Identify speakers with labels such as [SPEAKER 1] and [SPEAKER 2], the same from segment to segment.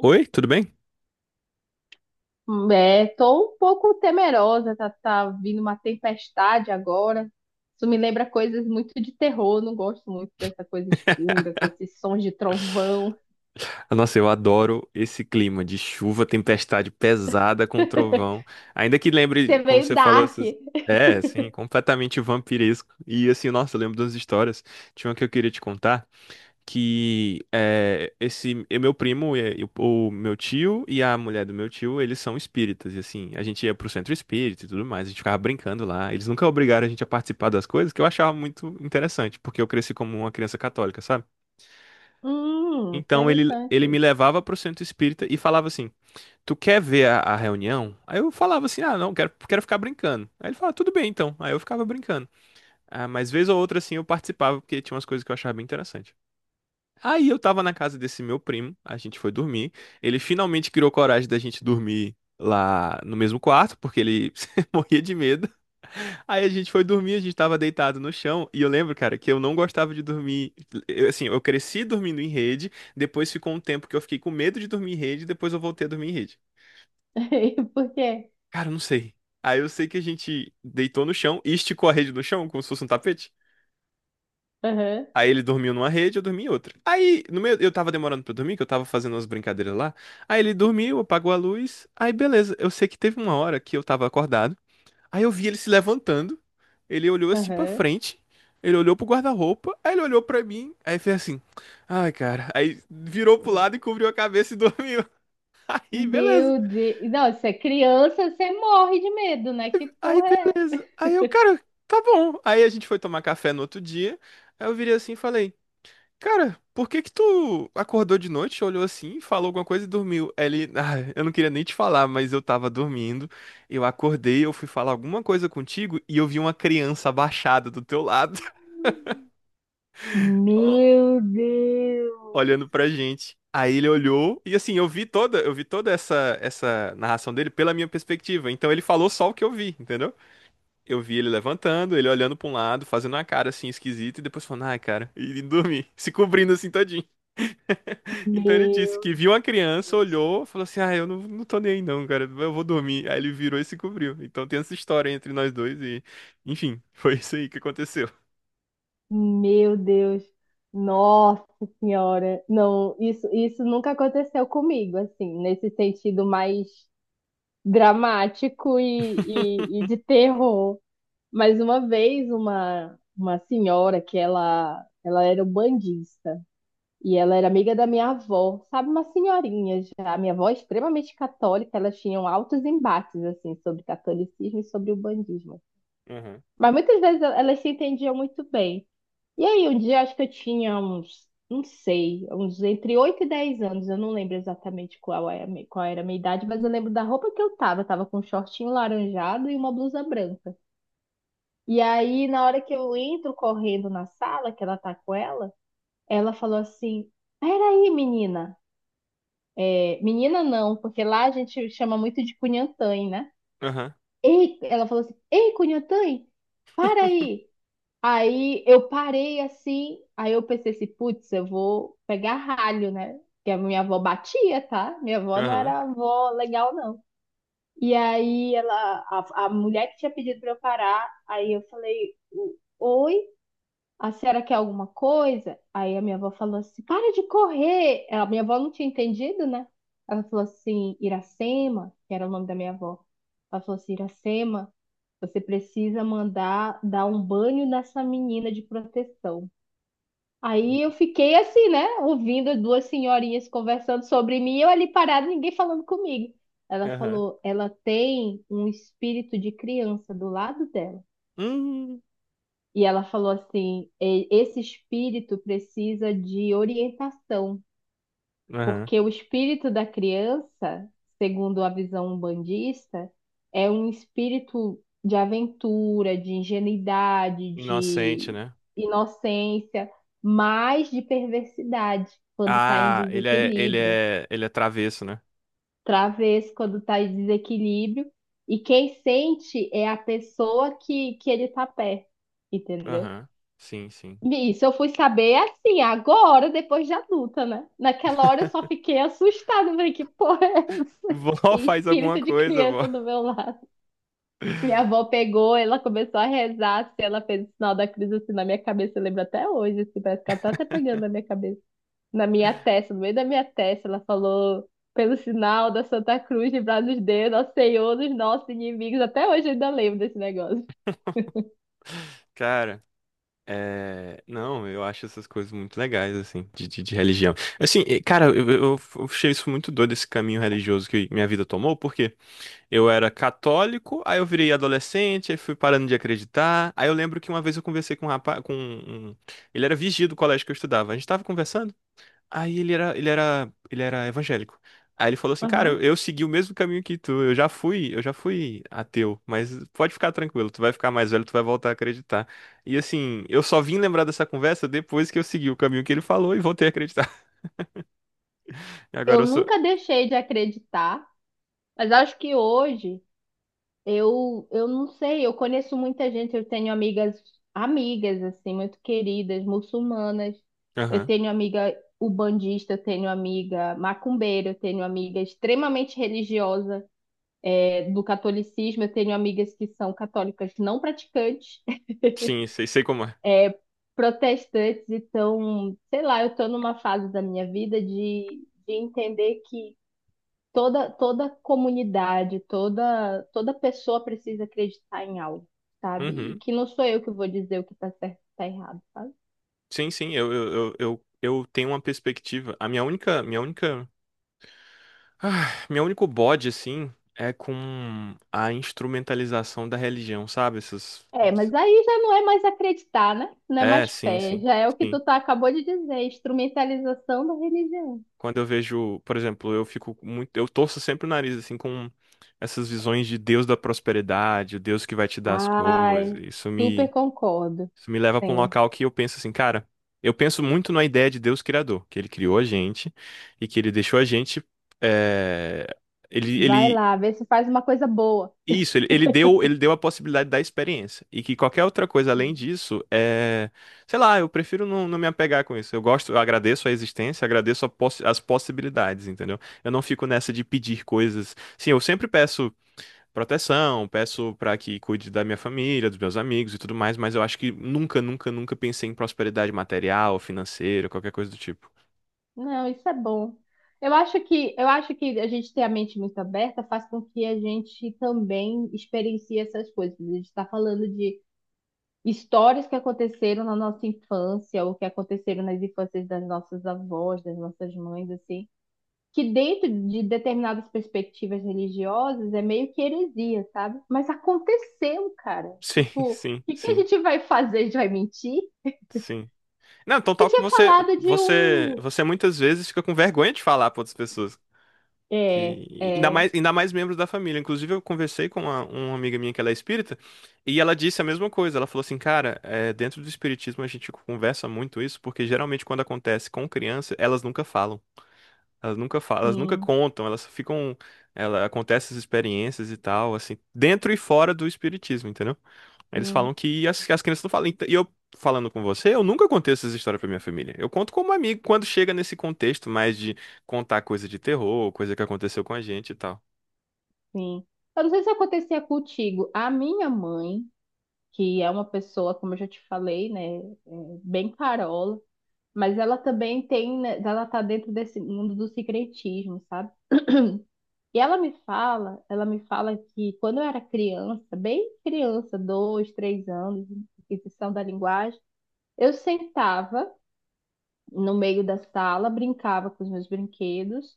[SPEAKER 1] Oi, tudo bem?
[SPEAKER 2] É, tô um pouco temerosa, tá, tá vindo uma tempestade agora. Isso me lembra coisas muito de terror, não gosto muito dessa coisa escura, com esses sons de trovão.
[SPEAKER 1] Nossa, eu adoro esse clima de chuva, tempestade pesada com trovão. Ainda que
[SPEAKER 2] Você
[SPEAKER 1] lembre, como
[SPEAKER 2] veio
[SPEAKER 1] você falou,
[SPEAKER 2] dark.
[SPEAKER 1] essas... É, assim, completamente vampiresco. E assim, nossa, eu lembro das histórias. Tinha uma que eu queria te contar, que é, esse e meu primo, e o o meu tio e a mulher do meu tio, eles são espíritas. E assim, a gente ia pro centro espírita e tudo mais, a gente ficava brincando lá. Eles nunca obrigaram a gente a participar das coisas, que eu achava muito interessante, porque eu cresci como uma criança católica, sabe? Então ele me
[SPEAKER 2] Interessante.
[SPEAKER 1] levava pro centro espírita e falava assim: Tu quer ver a reunião? Aí eu falava assim: Ah, não, quero, quero ficar brincando. Aí ele falava: Tudo bem então. Aí eu ficava brincando. Ah, mas vez ou outra assim eu participava porque tinha umas coisas que eu achava bem interessante. Aí eu tava na casa desse meu primo, a gente foi dormir. Ele finalmente criou coragem da gente dormir lá no mesmo quarto, porque ele morria de medo. Aí a gente foi dormir, a gente tava deitado no chão, e eu lembro, cara, que eu não gostava de dormir. Eu, assim, eu cresci dormindo em rede, depois ficou um tempo que eu fiquei com medo de dormir em rede, depois eu voltei a dormir em rede.
[SPEAKER 2] Por quê?
[SPEAKER 1] Cara, eu não sei. Aí eu sei que a gente deitou no chão e esticou a rede no chão, como se fosse um tapete.
[SPEAKER 2] Aham,
[SPEAKER 1] Aí ele dormiu numa rede, eu dormi em outra. Aí, no meio, eu tava demorando pra dormir, que eu tava fazendo umas brincadeiras lá. Aí ele dormiu, apagou a luz. Aí beleza, eu sei que teve uma hora que eu tava acordado. Aí eu vi ele se levantando, ele olhou assim pra
[SPEAKER 2] aham.
[SPEAKER 1] frente, ele olhou pro guarda-roupa, aí ele olhou pra mim, aí fez assim, ai cara, aí virou pro lado e cobriu a cabeça e dormiu. Aí beleza,
[SPEAKER 2] Meu Deus. Não, se é criança, você morre de medo, né? Que
[SPEAKER 1] aí
[SPEAKER 2] porra é essa?
[SPEAKER 1] beleza. Aí eu, cara, tá bom. Aí a gente foi tomar café no outro dia, aí eu virei assim e falei, cara, por que que tu acordou de noite, olhou assim, falou alguma coisa e dormiu? Aí ele, ah, eu não queria nem te falar, mas eu tava dormindo, eu acordei, eu fui falar alguma coisa contigo e eu vi uma criança abaixada do teu lado.
[SPEAKER 2] Meu Deus.
[SPEAKER 1] olhando pra gente. Aí ele olhou e assim, eu vi toda essa narração dele pela minha perspectiva. Então ele falou só o que eu vi, entendeu? Eu vi ele levantando, ele olhando pra um lado, fazendo uma cara assim esquisita e depois falando: "Ai, cara", e dormir, se cobrindo assim todinho. Então ele disse
[SPEAKER 2] Meu.
[SPEAKER 1] que viu uma criança,
[SPEAKER 2] Deus.
[SPEAKER 1] olhou, falou assim: "Ah, eu não, não tô nem aí não, cara, eu vou dormir". Aí ele virou e se cobriu. Então tem essa história entre nós dois e, enfim, foi isso aí que aconteceu.
[SPEAKER 2] Meu Deus, nossa senhora, não, isso nunca aconteceu comigo, assim, nesse sentido mais dramático e de terror. Mas uma vez, uma senhora que ela era bandista e ela era amiga da minha avó, sabe, uma senhorinha já. A minha avó é extremamente católica, elas tinham altos embates, assim, sobre catolicismo e sobre o bandismo.
[SPEAKER 1] Aham.
[SPEAKER 2] Mas muitas vezes elas se entendiam muito bem. E aí, um dia acho que eu tinha uns, não sei, uns entre 8 e 10 anos, eu não lembro exatamente qual era, qual era a minha idade, mas eu lembro da roupa que eu tava com um shortinho laranjado e uma blusa branca. E aí, na hora que eu entro correndo na sala, que ela tá com ela, ela falou assim: peraí, menina. É, menina não, porque lá a gente chama muito de cunhantã, né?
[SPEAKER 1] Aham.
[SPEAKER 2] Ei, ela falou assim: ei, cunhantã, para aí. Aí eu parei assim, aí eu pensei assim, putz, eu vou pegar ralho, né? Porque a minha avó batia, tá? Minha avó não
[SPEAKER 1] Aham.
[SPEAKER 2] era avó legal, não. E aí a mulher que tinha pedido pra eu parar, aí eu falei, oi? A senhora quer alguma coisa? Aí a minha avó falou assim: para de correr. A minha avó não tinha entendido, né? Ela falou assim: Iracema, que era o nome da minha avó. Ela falou assim: Iracema, você precisa mandar dar um banho nessa menina de proteção. Aí eu fiquei assim, né? Ouvindo as duas senhorinhas conversando sobre mim, eu ali parada, ninguém falando comigo. Ela
[SPEAKER 1] Aham.
[SPEAKER 2] falou: ela tem um espírito de criança do lado dela.
[SPEAKER 1] Hum.
[SPEAKER 2] E ela falou assim: Esse espírito precisa de orientação,
[SPEAKER 1] Aham.
[SPEAKER 2] porque o espírito da criança, segundo a visão umbandista, é um espírito de aventura, de ingenuidade, de
[SPEAKER 1] Inocente, né?
[SPEAKER 2] inocência, mas de perversidade quando está em
[SPEAKER 1] Ah, ele é, ele
[SPEAKER 2] desequilíbrio,
[SPEAKER 1] é, ele é travesso, né?
[SPEAKER 2] travesso quando está em desequilíbrio, e quem sente é a pessoa que ele está perto, entendeu?
[SPEAKER 1] Aham. Sim, sim.
[SPEAKER 2] Isso, eu fui saber assim, agora, depois de adulta, né? Naquela hora eu só fiquei assustada, falei, que porra é essa?
[SPEAKER 1] Vó,
[SPEAKER 2] Tem
[SPEAKER 1] faz alguma
[SPEAKER 2] espírito de
[SPEAKER 1] coisa, vó.
[SPEAKER 2] criança do meu lado. Minha avó pegou, ela começou a rezar, assim, ela fez o sinal da cruz assim na minha cabeça, eu lembro até hoje, assim, parece que ela tá até pegando na minha cabeça, na minha testa, no meio da minha testa, ela falou, pelo sinal da Santa Cruz, livrar nos deus, nosso Senhor, dos nossos inimigos, até hoje eu ainda lembro desse negócio.
[SPEAKER 1] Cara, é... Não, eu acho essas coisas muito legais, assim, de religião. Assim, cara, eu achei isso muito doido, esse caminho religioso que minha vida tomou, porque eu era católico, aí eu virei adolescente, aí fui parando de acreditar. Aí eu lembro que uma vez eu conversei com um rapaz, ele era vigia do colégio que eu estudava. A gente tava conversando, aí ele era evangélico. Aí ele falou assim, cara, eu,
[SPEAKER 2] Aham.
[SPEAKER 1] eu segui o mesmo caminho que tu, eu já fui ateu, mas pode ficar tranquilo, tu vai ficar mais velho, tu vai voltar a acreditar. E assim, eu só vim lembrar dessa conversa depois que eu segui o caminho que ele falou e voltei a acreditar. Agora
[SPEAKER 2] Eu
[SPEAKER 1] eu sou.
[SPEAKER 2] nunca deixei de acreditar, mas acho que hoje eu não sei, eu conheço muita gente, eu tenho amigas, amigas assim, muito queridas, muçulmanas. Eu
[SPEAKER 1] Aham.
[SPEAKER 2] tenho amiga ubandista, eu tenho amiga macumbeira, eu tenho amiga extremamente religiosa, é, do catolicismo, eu tenho amigas que são católicas não praticantes,
[SPEAKER 1] Sim, sei, sei como é.
[SPEAKER 2] é, protestantes, então, sei lá, eu estou numa fase da minha vida de entender que toda comunidade, toda pessoa precisa acreditar em algo, sabe? E
[SPEAKER 1] Uhum.
[SPEAKER 2] que não sou eu que vou dizer o que tá certo e o que tá errado, sabe?
[SPEAKER 1] Sim, sim, eu tenho uma perspectiva. A minha única, ah, meu único bode assim é com a instrumentalização da religião, sabe? Essas
[SPEAKER 2] É, mas aí já não é mais acreditar, né? Não é
[SPEAKER 1] é,
[SPEAKER 2] mais
[SPEAKER 1] sim,
[SPEAKER 2] fé,
[SPEAKER 1] sim,
[SPEAKER 2] já é o que
[SPEAKER 1] sim.
[SPEAKER 2] tu tá, acabou de dizer, instrumentalização da religião.
[SPEAKER 1] Quando eu vejo, por exemplo, eu fico muito, eu torço sempre o nariz assim com essas visões de Deus da prosperidade, o Deus que vai te dar as coisas.
[SPEAKER 2] Ai, super concordo.
[SPEAKER 1] Isso me leva para um
[SPEAKER 2] Sim.
[SPEAKER 1] local que eu penso assim, cara, eu penso muito na ideia de Deus criador, que ele criou a gente e que ele deixou a gente, eh, ele,
[SPEAKER 2] Vai
[SPEAKER 1] ele
[SPEAKER 2] lá, vê se faz uma coisa boa.
[SPEAKER 1] isso, ele deu a possibilidade da experiência. E que qualquer outra coisa além disso é. Sei lá, eu prefiro não me apegar com isso. Eu gosto, eu agradeço a existência, agradeço a as possibilidades, entendeu? Eu não fico nessa de pedir coisas. Sim, eu sempre peço proteção, peço pra que cuide da minha família, dos meus amigos e tudo mais, mas eu acho que nunca, nunca, nunca pensei em prosperidade material, financeira, qualquer coisa do tipo.
[SPEAKER 2] Não, isso é bom. Eu acho que a gente ter a mente muito aberta faz com que a gente também experiencie essas coisas. A gente está falando de histórias que aconteceram na nossa infância ou que aconteceram nas infâncias das nossas avós, das nossas mães, assim, que dentro de determinadas perspectivas religiosas é meio que heresia, sabe? Mas aconteceu, cara.
[SPEAKER 1] Sim,
[SPEAKER 2] Tipo, o
[SPEAKER 1] sim,
[SPEAKER 2] que que a
[SPEAKER 1] sim.
[SPEAKER 2] gente vai fazer? A gente vai mentir?
[SPEAKER 1] Sim. Não, então
[SPEAKER 2] Você
[SPEAKER 1] tal que
[SPEAKER 2] tinha
[SPEAKER 1] você,
[SPEAKER 2] falado de
[SPEAKER 1] você,
[SPEAKER 2] um,
[SPEAKER 1] você muitas vezes fica com vergonha de falar para outras pessoas.
[SPEAKER 2] é,
[SPEAKER 1] Que...
[SPEAKER 2] é,
[SPEAKER 1] ainda mais membros da família. Inclusive, eu conversei com uma amiga minha que ela é espírita e ela disse a mesma coisa. Ela falou assim, cara, é, dentro do espiritismo a gente conversa muito isso, porque geralmente quando acontece com criança, elas nunca falam. Elas nunca falam, elas nunca
[SPEAKER 2] sim,
[SPEAKER 1] contam, elas ficam. Ela, acontece essas experiências e tal, assim, dentro e fora do espiritismo, entendeu? Eles
[SPEAKER 2] sim.
[SPEAKER 1] falam que as crianças não falam. Falando com você, eu nunca contei essas histórias pra minha família. Eu conto como amigo quando chega nesse contexto mais de contar coisa de terror, coisa que aconteceu com a gente e tal.
[SPEAKER 2] Sim. Eu não sei se acontecia contigo. A minha mãe, que é uma pessoa, como eu já te falei, né, é, bem carola, mas ela também tem, né, ela tá dentro desse mundo do secretismo, sabe? E ela me fala que quando eu era criança, bem criança, 2, 3 anos, aquisição da linguagem, eu sentava no meio da sala, brincava com os meus brinquedos,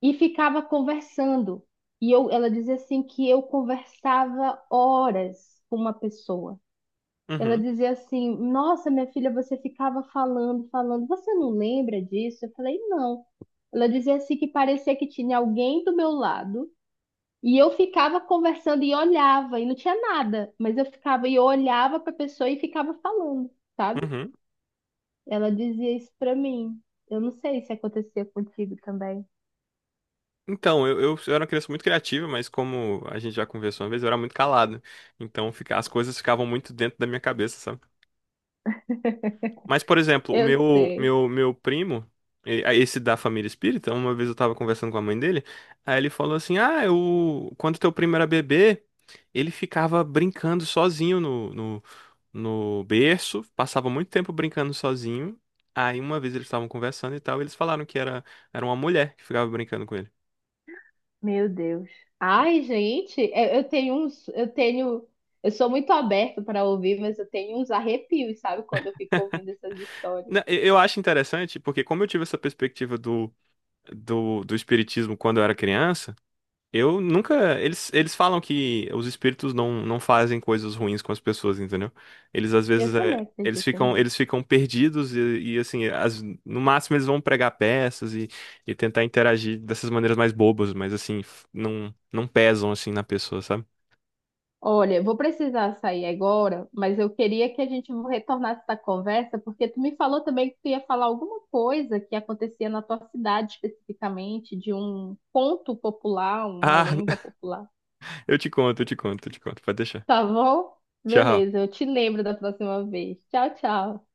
[SPEAKER 2] e ficava conversando. E eu, ela dizia assim que eu conversava horas com uma pessoa. Ela
[SPEAKER 1] Uhum,
[SPEAKER 2] dizia assim: nossa, minha filha, você ficava falando, falando. Você não lembra disso? Eu falei: não. Ela dizia assim que parecia que tinha alguém do meu lado e eu ficava conversando e olhava e não tinha nada, mas eu ficava e eu olhava para a pessoa e ficava falando, sabe?
[SPEAKER 1] uhum.
[SPEAKER 2] Ela dizia isso para mim. Eu não sei se acontecia contigo também.
[SPEAKER 1] Então, eu era uma criança muito criativa, mas como a gente já conversou uma vez, eu era muito calado. Então, fica, as coisas ficavam muito dentro da minha cabeça, sabe? Mas, por exemplo, o
[SPEAKER 2] Eu
[SPEAKER 1] meu,
[SPEAKER 2] sei.
[SPEAKER 1] meu, meu primo, esse da família espírita, uma vez eu tava conversando com a mãe dele, aí ele falou assim: Ah, eu, quando teu primo era bebê, ele ficava brincando sozinho no berço, passava muito tempo brincando sozinho. Aí uma vez eles estavam conversando e tal, eles falaram que era, era uma mulher que ficava brincando com ele.
[SPEAKER 2] Meu Deus. Ai, gente, eu tenho uns, eu tenho, eu sou muito aberto para ouvir, mas eu tenho uns arrepios, sabe, quando eu fico ouvindo essas histórias.
[SPEAKER 1] Eu acho interessante, porque como eu tive essa perspectiva do espiritismo quando eu era criança. Eu nunca. Eles falam que os espíritos não fazem coisas ruins com as pessoas, entendeu? Eles às
[SPEAKER 2] Eu
[SPEAKER 1] vezes é,
[SPEAKER 2] também acredito nisso.
[SPEAKER 1] eles ficam perdidos assim, no máximo eles vão pregar peças e tentar interagir dessas maneiras mais bobas, mas assim, não, não pesam assim na pessoa, sabe?
[SPEAKER 2] Olha, eu vou precisar sair agora, mas eu queria que a gente retornasse essa conversa, porque tu me falou também que tu ia falar alguma coisa que acontecia na tua cidade especificamente, de um conto popular, uma
[SPEAKER 1] Ah,
[SPEAKER 2] lenda popular.
[SPEAKER 1] eu te conto. Pode deixar.
[SPEAKER 2] Tá bom?
[SPEAKER 1] Tchau.
[SPEAKER 2] Beleza, eu te lembro da próxima vez. Tchau, tchau.